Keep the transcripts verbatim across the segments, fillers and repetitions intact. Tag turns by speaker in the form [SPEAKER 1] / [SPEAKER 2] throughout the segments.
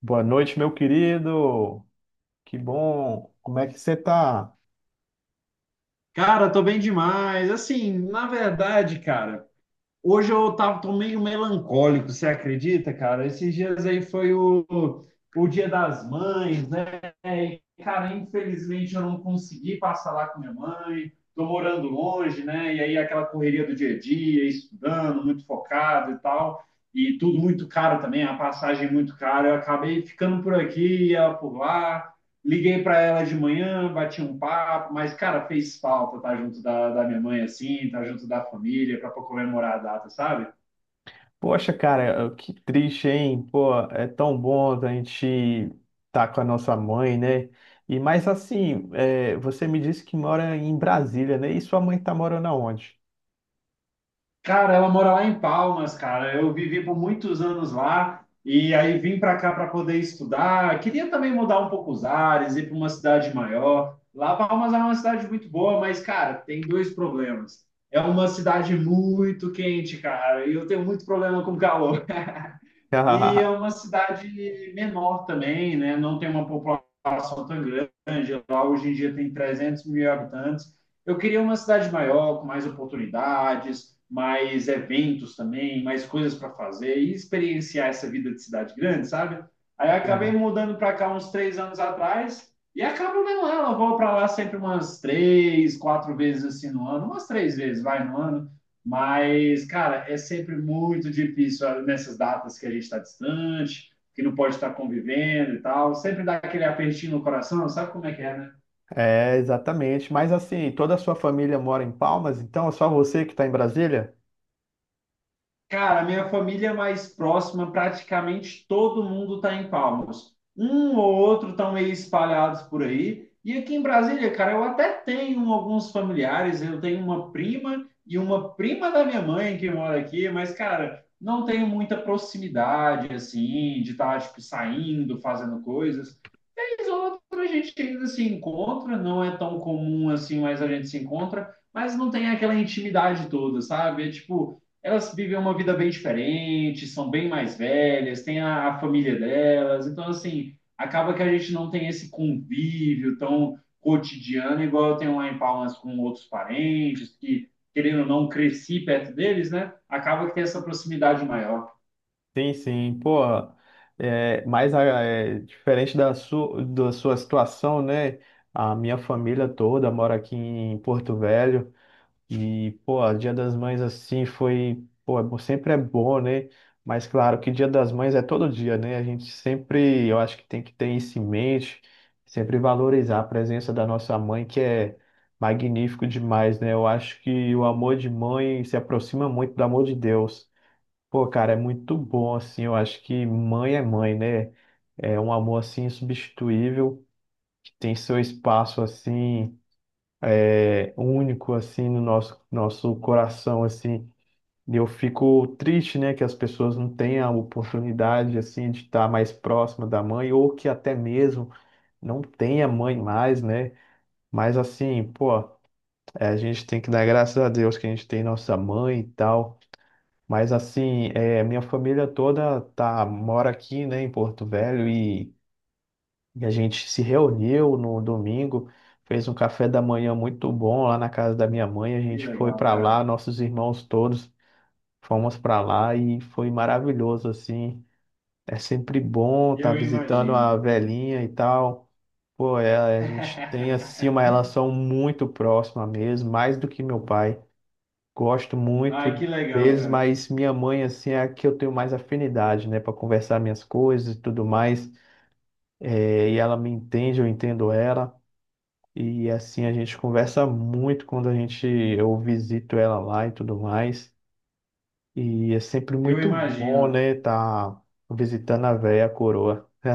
[SPEAKER 1] Boa noite, meu querido. Que bom. Como é que você tá?
[SPEAKER 2] Cara, tô bem demais. Assim, na verdade, cara, hoje eu tava, tô meio melancólico, você acredita, cara? Esses dias aí foi o, o Dia das Mães, né? E, cara, infelizmente eu não consegui passar lá com minha mãe. Tô morando longe, né? E aí aquela correria do dia a dia, estudando, muito focado e tal. E tudo muito caro também, a passagem muito cara. Eu acabei ficando por aqui e ela por lá. Liguei para ela de manhã, bati um papo, mas, cara, fez falta estar junto da, da minha mãe, assim, estar junto da família, para comemorar a data, sabe?
[SPEAKER 1] Poxa, cara, que triste, hein? Pô, é tão bom a gente estar com a nossa mãe, né? E mais assim, é, você me disse que mora em Brasília, né? E sua mãe tá morando aonde?
[SPEAKER 2] Cara, ela mora lá em Palmas, cara. Eu vivi por muitos anos lá e aí vim para cá para poder estudar. Queria também mudar um pouco os ares, ir para uma cidade maior. Lá, Palmas é uma cidade muito boa, mas, cara, tem dois problemas. É uma cidade muito quente, cara, e eu tenho muito problema com calor. E é uma cidade menor também, né? Não tem uma população tão grande. Lá hoje em dia tem trezentos mil habitantes. Eu queria uma cidade maior, com mais oportunidades, mais eventos também, mais coisas para fazer e experienciar essa vida de cidade grande, sabe? Aí eu acabei
[SPEAKER 1] Sim.
[SPEAKER 2] mudando para cá uns três anos atrás e acabo vendo ela. Eu vou para lá sempre umas três, quatro vezes assim no ano, umas três vezes vai no ano. Mas, cara, é sempre muito difícil ah, nessas datas que a gente está distante, que não pode estar convivendo e tal. Sempre dá aquele apertinho no coração, sabe como é que é, né?
[SPEAKER 1] É, exatamente. Mas assim, toda a sua família mora em Palmas, então é só você que está em Brasília?
[SPEAKER 2] Cara, minha família mais próxima, praticamente todo mundo está em Palmas. Um ou outro estão meio espalhados por aí. E aqui em Brasília, cara, eu até tenho alguns familiares. Eu tenho uma prima e uma prima da minha mãe que mora aqui, mas, cara, não tenho muita proximidade, assim, de estar, tipo, saindo, fazendo coisas. Vez ou outra a gente ainda se encontra, não é tão comum assim, mas a gente se encontra, mas não tem aquela intimidade toda, sabe? É tipo elas vivem uma vida bem diferente, são bem mais velhas, têm a, a família delas, então assim, acaba que a gente não tem esse convívio tão cotidiano, igual eu tenho lá em Palmas com outros parentes, que querendo ou não cresci perto deles, né? Acaba que tem essa proximidade maior.
[SPEAKER 1] Sim, sim, pô, é, mas ah, é, diferente da sua, da sua situação, né? A minha família toda mora aqui em Porto Velho e, pô, Dia das Mães assim foi, pô, é bom- sempre é bom, né? Mas claro que Dia das Mães é todo dia, né? A gente sempre, eu acho que tem que ter isso em mente, sempre valorizar a presença da nossa mãe, que é magnífico demais, né? Eu acho que o amor de mãe se aproxima muito do amor de Deus. Pô, cara, é muito bom, assim, eu acho que mãe é mãe, né? É um amor, assim, insubstituível, que tem seu espaço, assim, é, único, assim, no nosso, nosso coração, assim. E eu fico triste, né, que as pessoas não tenham a oportunidade, assim, de estar mais próxima da mãe, ou que até mesmo não tenha mãe mais, né? Mas, assim, pô, é, a gente tem que dar graças a Deus que a gente tem nossa mãe e tal. Mas assim, é, minha família toda tá, mora aqui, né, em Porto Velho e, e a gente se reuniu no domingo, fez um café da manhã muito bom lá na casa da minha mãe. A
[SPEAKER 2] Que
[SPEAKER 1] gente foi
[SPEAKER 2] legal,
[SPEAKER 1] para lá,
[SPEAKER 2] cara.
[SPEAKER 1] nossos irmãos todos fomos para lá e foi maravilhoso assim. É sempre bom estar
[SPEAKER 2] Eu
[SPEAKER 1] visitando
[SPEAKER 2] imagino.
[SPEAKER 1] a velhinha e tal. Pô, é, a gente tem assim uma relação muito próxima mesmo, mais do que meu pai. Gosto muito
[SPEAKER 2] Ai, que legal,
[SPEAKER 1] deles,
[SPEAKER 2] cara.
[SPEAKER 1] mas minha mãe, assim, é a que eu tenho mais afinidade, né, para conversar minhas coisas e tudo mais. É, e ela me entende, eu entendo ela. E assim a gente conversa muito quando a gente eu visito ela lá e tudo mais. E é sempre
[SPEAKER 2] Eu
[SPEAKER 1] muito bom,
[SPEAKER 2] imagino.
[SPEAKER 1] né, tá visitando a velha coroa.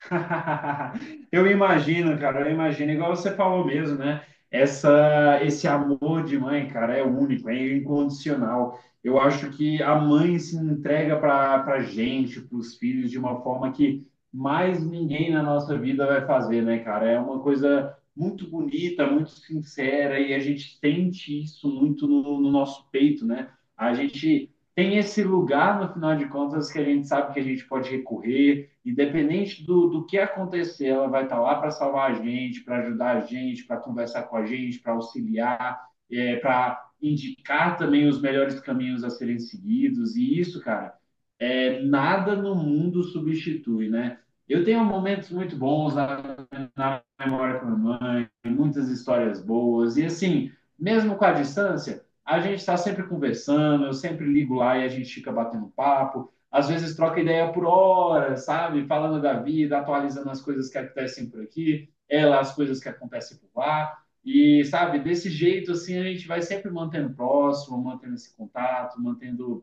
[SPEAKER 2] Eu imagino, cara, eu imagino, igual você falou mesmo, né? Essa, esse amor de mãe, cara, é único, é incondicional. Eu acho que a mãe se entrega para para gente, para os filhos, de uma forma que mais ninguém na nossa vida vai fazer, né, cara? É uma coisa muito bonita, muito sincera, e a gente sente isso muito no, no nosso peito, né? A gente tem esse lugar, no final de contas, que a gente sabe que a gente pode recorrer, independente do, do que acontecer, ela vai estar lá para salvar a gente, para ajudar a gente, para conversar com a gente, para auxiliar, é, para indicar também os melhores caminhos a serem seguidos. E isso, cara, é, nada no mundo substitui, né? Eu tenho momentos muito bons na, na memória com a minha muitas histórias boas. E assim, mesmo com a distância, a gente está sempre conversando, eu sempre ligo lá e a gente fica batendo papo. Às vezes troca ideia por horas, sabe? Falando da vida, atualizando as coisas que acontecem por aqui, ela, as coisas que acontecem por lá. E, sabe, desse jeito, assim, a gente vai sempre mantendo próximo, mantendo esse contato, mantendo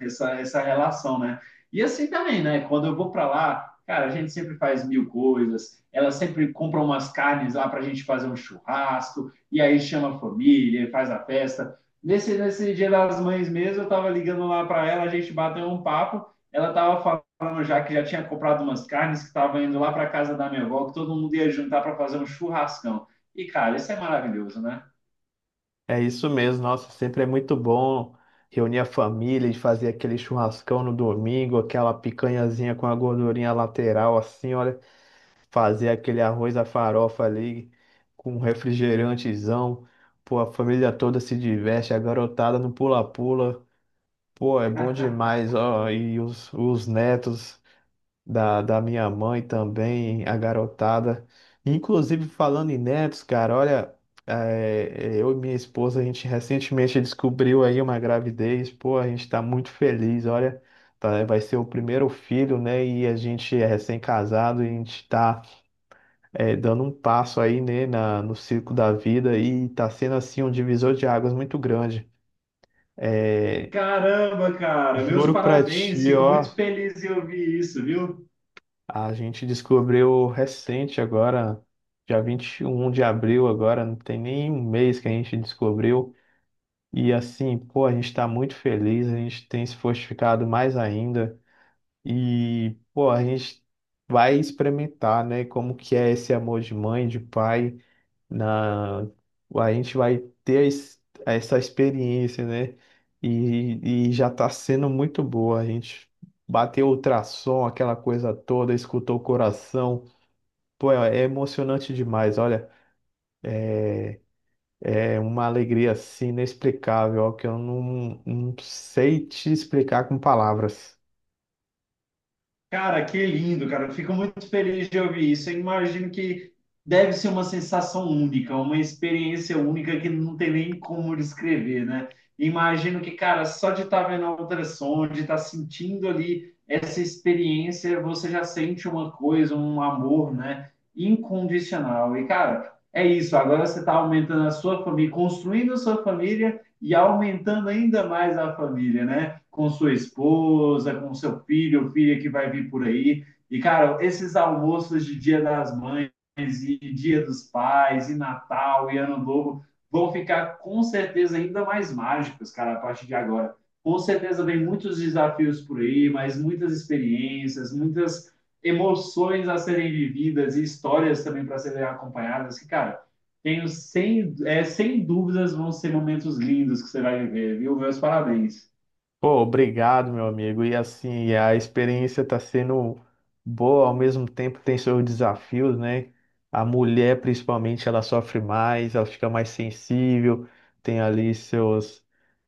[SPEAKER 2] essa, essa relação, né? E assim também, né? Quando eu vou para lá, cara, a gente sempre faz mil coisas. Ela sempre compra umas carnes lá para a gente fazer um churrasco, e aí chama a família, faz a festa. Nesse, nesse Dia das Mães mesmo, eu tava ligando lá para ela, a gente bateu um papo. Ela tava falando já que já tinha comprado umas carnes, que tava indo lá para casa da minha avó, que todo mundo ia juntar para fazer um churrascão. E, cara, isso é maravilhoso, né?
[SPEAKER 1] É isso mesmo, nossa, sempre é muito bom reunir a família e fazer aquele churrascão no domingo, aquela picanhazinha com a gordurinha lateral assim, olha. Fazer aquele arroz à farofa ali com um refrigerantezão. Pô, a família toda se diverte, a garotada no pula-pula. Pô, é bom demais, ó. E os, os netos da, da minha mãe também, a garotada. Inclusive, falando em netos, cara, olha, é, eu e minha esposa, a gente recentemente descobriu aí uma gravidez. Pô, a gente tá muito feliz, olha. tá, Vai ser o primeiro filho, né? E a gente é recém-casado e a gente tá é, dando um passo aí, né, na, no circo da vida e tá sendo assim um divisor de águas muito grande. É,
[SPEAKER 2] Caramba, cara, meus
[SPEAKER 1] Juro pra
[SPEAKER 2] parabéns.
[SPEAKER 1] ti,
[SPEAKER 2] Fico
[SPEAKER 1] ó,
[SPEAKER 2] muito feliz em ouvir isso, viu?
[SPEAKER 1] a gente descobriu recente agora, dia vinte e um de abril agora, não tem nem um mês que a gente descobriu. E assim, pô, a gente tá muito feliz, a gente tem se fortificado mais ainda. E, pô, a gente vai experimentar, né, como que é esse amor de mãe, de pai. Na a gente vai ter a es- Essa experiência, né? E, e já tá sendo muito boa. A gente bateu o ultrassom, aquela coisa toda, escutou o coração. Pô, é é emocionante demais. Olha, é uma alegria assim inexplicável, ó, que eu não, não sei te explicar com palavras.
[SPEAKER 2] Cara, que lindo, cara. Eu fico muito feliz de ouvir isso. Eu imagino que deve ser uma sensação única, uma experiência única que não tem nem como descrever, né? Imagino que, cara, só de estar vendo a ultrassom, de estar sentindo ali essa experiência, você já sente uma coisa, um amor, né? Incondicional. E, cara, é isso. Agora você está aumentando a sua família, construindo a sua família e aumentando ainda mais a família, né? Com sua esposa, com seu filho ou filha que vai vir por aí. E, cara, esses almoços de Dia das Mães e Dia dos Pais e Natal e Ano Novo vão ficar com certeza ainda mais mágicos, cara, a partir de agora. Com certeza vem muitos desafios por aí, mas muitas experiências, muitas emoções a serem vividas e histórias também para serem acompanhadas, que, cara, tenho sem, é, sem dúvidas vão ser momentos lindos que você vai viver, viu? Meus parabéns.
[SPEAKER 1] Pô, obrigado, meu amigo. E assim, a experiência está sendo boa, ao mesmo tempo tem seus desafios, né? A mulher, principalmente, ela sofre mais, ela fica mais sensível, tem ali seus,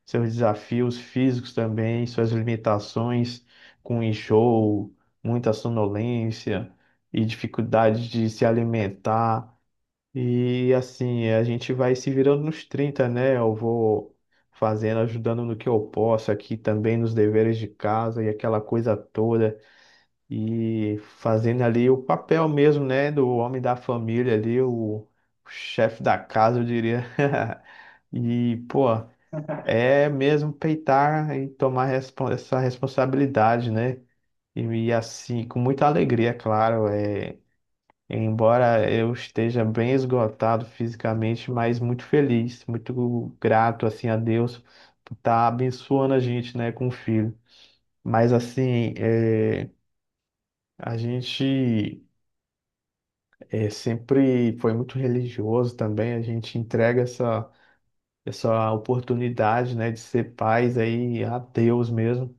[SPEAKER 1] seus desafios físicos também, suas limitações com enjoo, muita sonolência e dificuldade de se alimentar. E assim, a gente vai se virando nos trinta, né? Eu vou fazendo, ajudando no que eu posso aqui também nos deveres de casa e aquela coisa toda. E fazendo ali o papel mesmo, né? Do homem da família ali, o chefe da casa, eu diria. E, pô, é mesmo peitar e tomar respon- essa responsabilidade, né? E, e assim, com muita alegria, é claro. É Embora eu esteja bem esgotado fisicamente, mas muito feliz, muito grato assim a Deus por estar abençoando a gente, né, com o filho. Mas assim, é, a gente é, sempre foi muito religioso também. A gente entrega essa essa oportunidade, né, de ser pais aí a Deus mesmo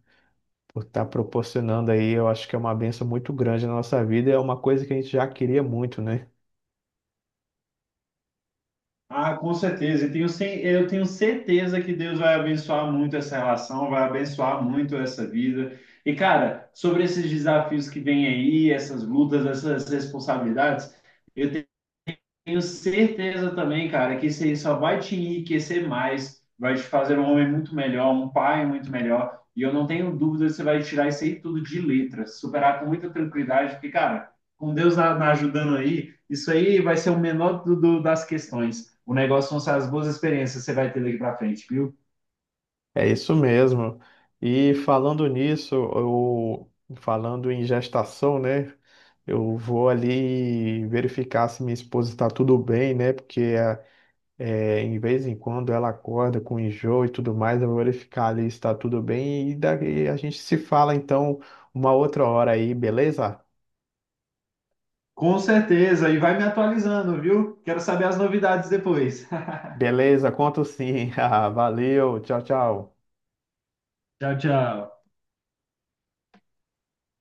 [SPEAKER 1] por estar proporcionando aí. Eu acho que é uma bênção muito grande na nossa vida. É uma coisa que a gente já queria muito, né?
[SPEAKER 2] Ah, com certeza. Eu tenho, ce- eu tenho certeza que Deus vai abençoar muito essa relação, vai abençoar muito essa vida. E, cara, sobre esses desafios que vêm aí, essas lutas, essas responsabilidades, eu tenho certeza também, cara, que isso aí só vai te enriquecer mais, vai te fazer um homem muito melhor, um pai muito melhor. E eu não tenho dúvida que você vai tirar isso aí tudo de letras, superar com muita tranquilidade, porque, cara, com Deus a- na ajudando aí, isso aí vai ser o menor do, do- das questões. O negócio vão ser as boas experiências que você vai ter daqui pra frente, viu?
[SPEAKER 1] É isso mesmo. E falando nisso, eu, falando em gestação, né? Eu vou ali verificar se minha esposa está tudo bem, né? Porque é, é, em vez em quando ela acorda com enjoo e tudo mais, eu vou verificar ali se está tudo bem e daí a gente se fala então uma outra hora aí, beleza?
[SPEAKER 2] Com certeza, e vai me atualizando, viu? Quero saber as novidades depois.
[SPEAKER 1] Beleza, conto sim. Ah, valeu, tchau, tchau.
[SPEAKER 2] Tchau, tchau.